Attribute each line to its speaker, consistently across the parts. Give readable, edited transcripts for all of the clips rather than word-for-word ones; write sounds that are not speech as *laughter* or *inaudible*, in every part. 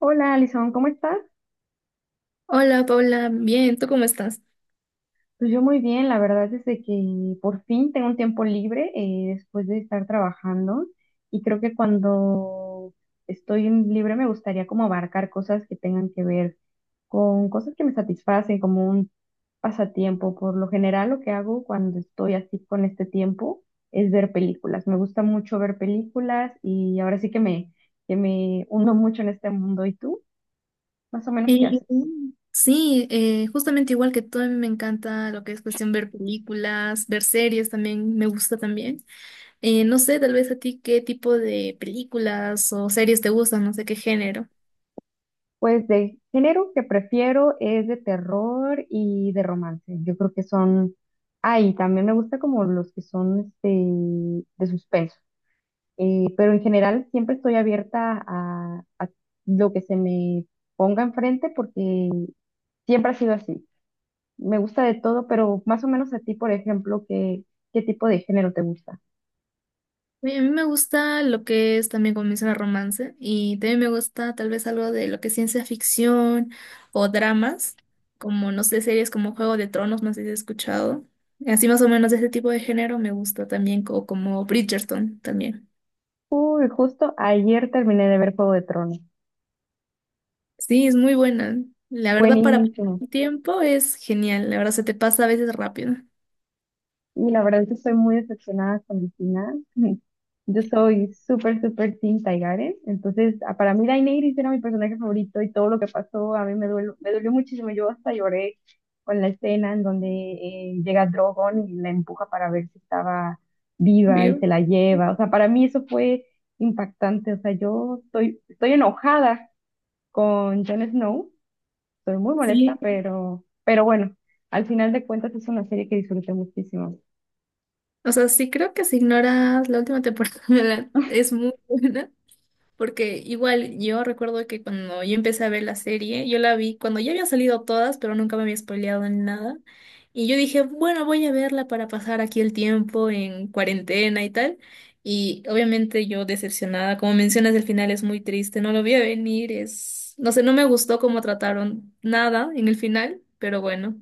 Speaker 1: Hola, Alison, ¿cómo estás?
Speaker 2: Hola Paula, bien, ¿tú cómo estás?
Speaker 1: Pues yo muy bien, la verdad es de que por fin tengo un tiempo libre después de estar trabajando y creo que cuando estoy en libre me gustaría como abarcar cosas que tengan que ver con cosas que me satisfacen, como un pasatiempo. Por lo general lo que hago cuando estoy así con este tiempo es ver películas. Me gusta mucho ver películas y ahora sí que me uno mucho en este mundo. ¿Y tú? Más o menos, ¿qué
Speaker 2: Eh,
Speaker 1: haces?
Speaker 2: sí, justamente igual que tú, a mí me encanta lo que es cuestión ver películas, ver series también, me gusta también. No sé, tal vez a ti qué tipo de películas o series te gustan, no sé qué género.
Speaker 1: Pues de género que prefiero es de terror y de romance. Yo creo que ay, también me gusta como los que son este, de suspenso. Pero en general siempre estoy abierta a lo que se me ponga enfrente porque siempre ha sido así. Me gusta de todo, pero más o menos a ti, por ejemplo, ¿ qué tipo de género te gusta?
Speaker 2: Oye, a mí me gusta lo que es también como mencionar romance y también me gusta tal vez algo de lo que es ciencia ficción o dramas, como no sé, series como Juego de Tronos, no sé si has escuchado. Así más o menos de ese tipo de género me gusta también, o como Bridgerton también.
Speaker 1: Uy, justo ayer terminé de ver Juego de Tronos.
Speaker 2: Sí, es muy buena. La verdad para pasar
Speaker 1: Buenísimo.
Speaker 2: el tiempo es genial, la verdad se te pasa a veces rápido.
Speaker 1: Y la verdad es que estoy muy decepcionada con el final. *laughs* Yo soy súper, súper Team Taigare. Entonces, ah, para mí Daenerys era mi personaje favorito y todo lo que pasó a mí me dolió muchísimo. Yo hasta lloré con la escena en donde llega Drogon y la empuja para ver si estaba viva y
Speaker 2: ¿Vivo?
Speaker 1: se la lleva. O sea, para mí eso fue impactante. O sea, estoy enojada con Jon Snow. Estoy muy molesta,
Speaker 2: Sí,
Speaker 1: pero bueno, al final de cuentas es una serie que disfruté muchísimo.
Speaker 2: o sea, sí creo que si ignoras la última temporada *laughs* es muy buena. Porque igual yo recuerdo que cuando yo empecé a ver la serie, yo la vi cuando ya habían salido todas, pero nunca me había spoileado en nada. Y yo dije, bueno, voy a verla para pasar aquí el tiempo en cuarentena y tal. Y obviamente yo decepcionada, como mencionas, el final es muy triste, no lo vi a venir, es, no sé, no me gustó cómo trataron nada en el final, pero bueno.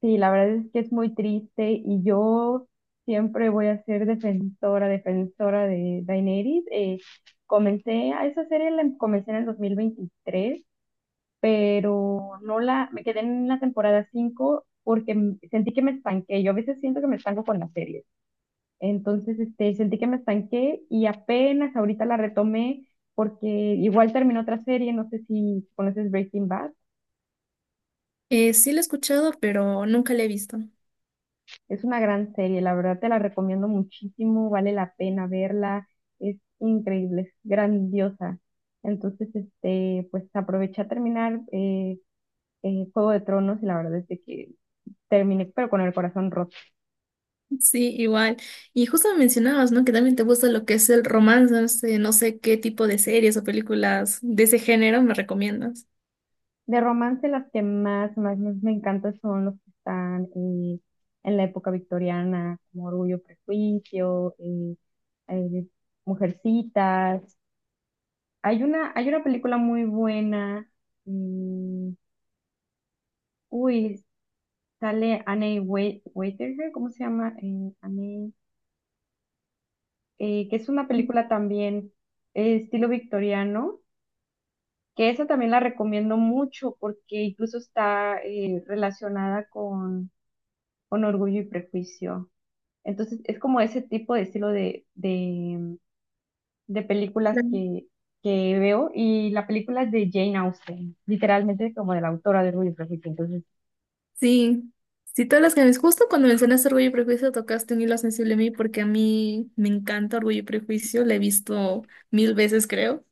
Speaker 1: Sí, la verdad es que es muy triste y yo siempre voy a ser defensora de Daenerys. Comencé a esa serie, la comencé en el 2023, pero no la, me quedé en la temporada 5 porque sentí que me estanqué. Yo a veces siento que me estanco con las series. Entonces, este, sentí que me estanqué y apenas ahorita la retomé porque igual terminó otra serie, no sé si conoces Breaking Bad.
Speaker 2: Sí la he escuchado, pero nunca la he visto.
Speaker 1: Es una gran serie, la verdad te la recomiendo muchísimo, vale la pena verla, es increíble, es grandiosa. Entonces, este, pues aproveché a terminar Juego de Tronos y la verdad es de que terminé, pero con el corazón roto.
Speaker 2: Sí, igual. Y justo me mencionabas, ¿no? Que también te gusta lo que es el romance, no sé, no sé qué tipo de series o películas de ese género me recomiendas.
Speaker 1: De romance, las más me encantan son los que están en la época victoriana, como Orgullo, Prejuicio, eh, Mujercitas. Hay una película muy buena. mm, uy, Sale Anne Waitager, ¿cómo se llama? Anne, que es una película también estilo victoriano, que esa también la recomiendo mucho porque incluso está relacionada con Orgullo y Prejuicio. Entonces es como ese tipo de estilo de películas
Speaker 2: Claro.
Speaker 1: que veo y la película es de Jane Austen, literalmente como de la autora de Orgullo y Prejuicio. Entonces,
Speaker 2: Sí, sí, todas las que me justo cuando mencionaste Orgullo y Prejuicio tocaste un hilo sensible a mí porque a mí me encanta Orgullo y Prejuicio, la he visto mil veces, creo.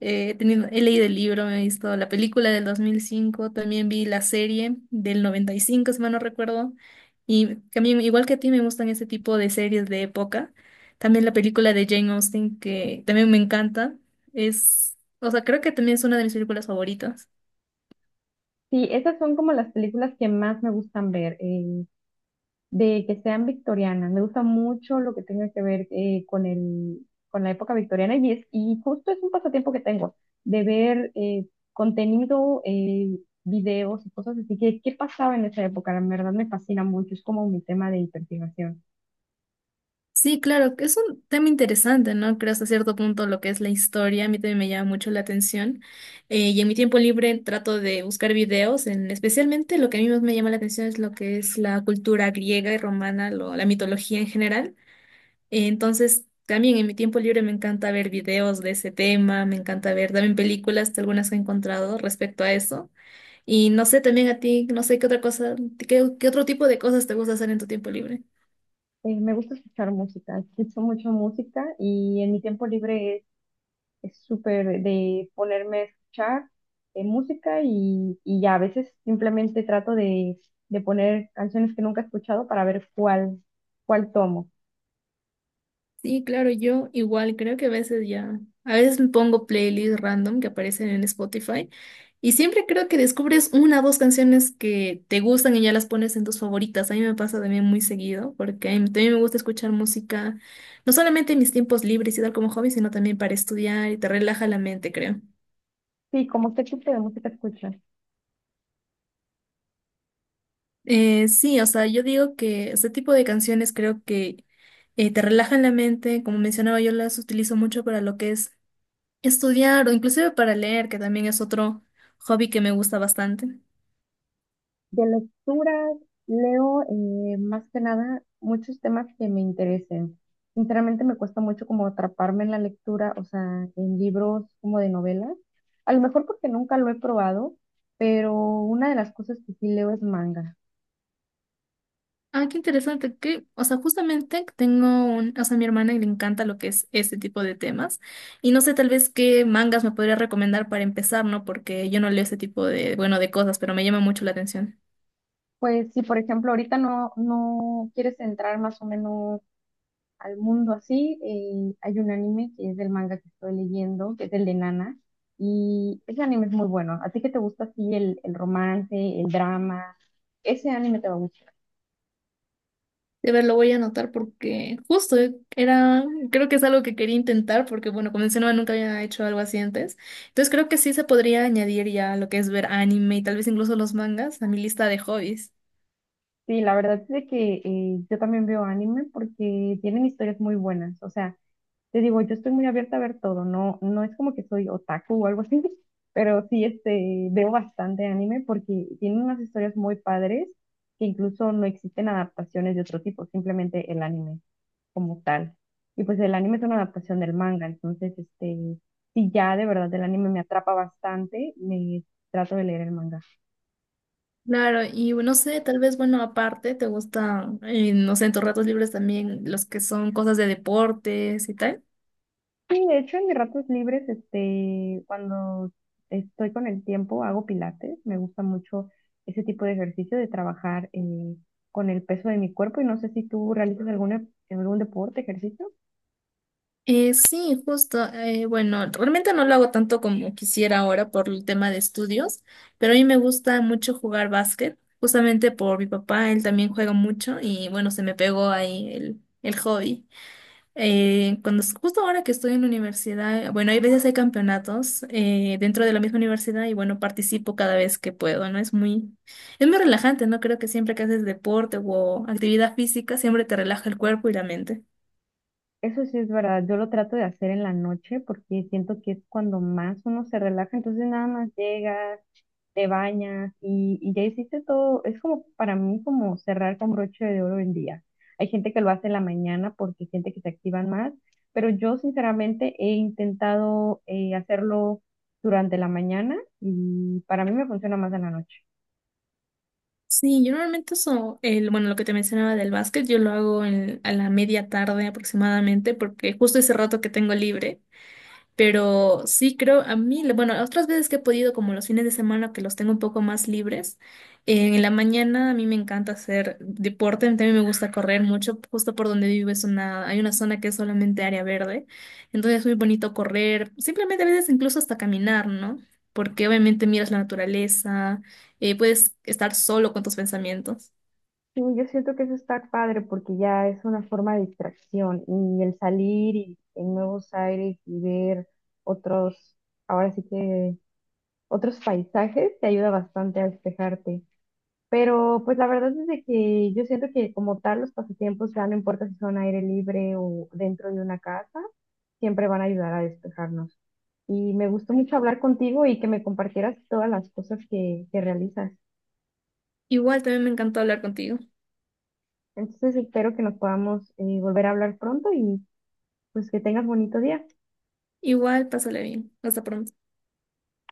Speaker 2: He tenido, he leído el libro, me he visto la película del 2005, también vi la serie del 95 si mal no recuerdo. Y también, igual que a ti, me gustan ese tipo de series de época. También la película de Jane Austen, que también me encanta. Es, o sea, creo que también es una de mis películas favoritas.
Speaker 1: sí, esas son como las películas que más me gustan ver. De que sean victorianas. Me gusta mucho lo que tenga que ver con con la época victoriana y y justo es un pasatiempo que tengo, de ver contenido, videos y cosas así, que qué pasaba en esa época, la verdad me fascina mucho, es como mi tema de investigación.
Speaker 2: Sí, claro, que es un tema interesante, ¿no? Creo hasta cierto punto lo que es la historia, a mí también me llama mucho la atención. Y en mi tiempo libre trato de buscar videos, en, especialmente lo que a mí más me llama la atención es lo que es la cultura griega y romana, la mitología en general. Entonces, también en mi tiempo libre me encanta ver videos de ese tema, me encanta ver también películas, algunas que he encontrado respecto a eso. Y no sé, también a ti, no sé qué otra cosa, qué, qué otro tipo de cosas te gusta hacer en tu tiempo libre.
Speaker 1: Me gusta escuchar música, escucho mucho música y en mi tiempo libre es súper de ponerme a escuchar música y ya a veces simplemente trato de poner canciones que nunca he escuchado para ver cuál tomo.
Speaker 2: Sí, claro, yo igual creo que a veces ya, a veces me pongo playlists random que aparecen en Spotify y siempre creo que descubres una o dos canciones que te gustan y ya las pones en tus favoritas. A mí me pasa también muy seguido porque a mí también me gusta escuchar música, no solamente en mis tiempos libres y tal como hobby, sino también para estudiar y te relaja la mente, creo.
Speaker 1: Sí, ¿como qué tipo de música escuchas?
Speaker 2: Sí, o sea, yo digo que este tipo de canciones creo que te relajan la mente. Como mencionaba, yo las utilizo mucho para lo que es estudiar o inclusive para leer, que también es otro hobby que me gusta bastante.
Speaker 1: De lecturas leo más que nada muchos temas que me interesen. Sinceramente me cuesta mucho como atraparme en la lectura, o sea, en libros como de novelas. A lo mejor porque nunca lo he probado, pero una de las cosas que sí leo es manga.
Speaker 2: Ah, qué interesante, que, o sea, justamente tengo un, o sea, a mi hermana le encanta lo que es este tipo de temas y no sé tal vez qué mangas me podría recomendar para empezar, ¿no? Porque yo no leo ese tipo de, bueno, de cosas, pero me llama mucho la atención.
Speaker 1: Pues si por ejemplo ahorita no quieres entrar más o menos al mundo así, hay un anime que es del manga que estoy leyendo, que es el de Nana, y ese anime es muy bueno. A ti que te gusta así el romance, el drama, ese anime te va a gustar.
Speaker 2: De ver, lo voy a anotar porque justo era, creo que es algo que quería intentar porque, bueno, como mencionaba, nunca había hecho algo así antes. Entonces creo que sí se podría añadir ya lo que es ver anime y tal vez incluso los mangas a mi lista de hobbies.
Speaker 1: Sí, la verdad es de que yo también veo anime porque tienen historias muy buenas. O sea, te digo, yo estoy muy abierta a ver todo, no es como que soy otaku o algo así, *laughs* pero sí este, veo bastante anime porque tiene unas historias muy padres que incluso no existen adaptaciones de otro tipo, simplemente el anime como tal. Y pues el anime es una adaptación del manga, entonces este, si ya de verdad el anime me atrapa bastante, me trato de leer el manga.
Speaker 2: Claro, y no sé, tal vez, bueno, aparte, te gusta no sé, en tus ratos libres también los que son cosas de deportes y tal.
Speaker 1: Sí, de hecho, en mis ratos libres, este, cuando estoy con el tiempo, hago pilates. Me gusta mucho ese tipo de ejercicio de trabajar con el peso de mi cuerpo. Y no sé si tú realizas algún deporte, ejercicio.
Speaker 2: Sí, justo. Bueno, realmente no lo hago tanto como quisiera ahora por el tema de estudios, pero a mí me gusta mucho jugar básquet, justamente por mi papá, él también juega mucho y bueno, se me pegó ahí el hobby. Justo ahora que estoy en la universidad, bueno, hay veces hay campeonatos dentro de la misma universidad y bueno, participo cada vez que puedo, ¿no? Es muy relajante, ¿no? Creo que siempre que haces deporte o actividad física, siempre te relaja el cuerpo y la mente.
Speaker 1: Eso sí es verdad. Yo lo trato de hacer en la noche porque siento que es cuando más uno se relaja. Entonces nada más llegas, te bañas y ya hiciste todo. Es como para mí como cerrar con broche de oro el día. Hay gente que lo hace en la mañana porque siente que se activan más, pero yo sinceramente he intentado hacerlo durante la mañana y para mí me funciona más en la noche.
Speaker 2: Sí, yo normalmente eso, el, bueno, lo que te mencionaba del básquet, yo lo hago a la media tarde aproximadamente, porque justo ese rato que tengo libre. Pero sí creo, a mí, bueno, otras veces que he podido, como los fines de semana que los tengo un poco más libres, en la mañana a mí me encanta hacer deporte, también me gusta correr mucho, justo por donde vivo es una, hay una zona que es solamente área verde, entonces es muy bonito correr, simplemente a veces incluso hasta caminar, ¿no? Porque obviamente miras la naturaleza, puedes estar solo con tus pensamientos.
Speaker 1: Sí, yo siento que eso está padre porque ya es una forma de distracción y el salir y en nuevos aires y ver otros, ahora sí que otros paisajes te ayuda bastante a despejarte. Pero pues la verdad es de que yo siento que como tal los pasatiempos, ya no importa si son aire libre o dentro de una casa, siempre van a ayudar a despejarnos. Y me gustó mucho hablar contigo y que me compartieras todas las cosas que realizas.
Speaker 2: Igual también me encantó hablar contigo.
Speaker 1: Entonces espero que nos podamos volver a hablar pronto y pues que tengas bonito día.
Speaker 2: Igual, pásale bien. Hasta pronto.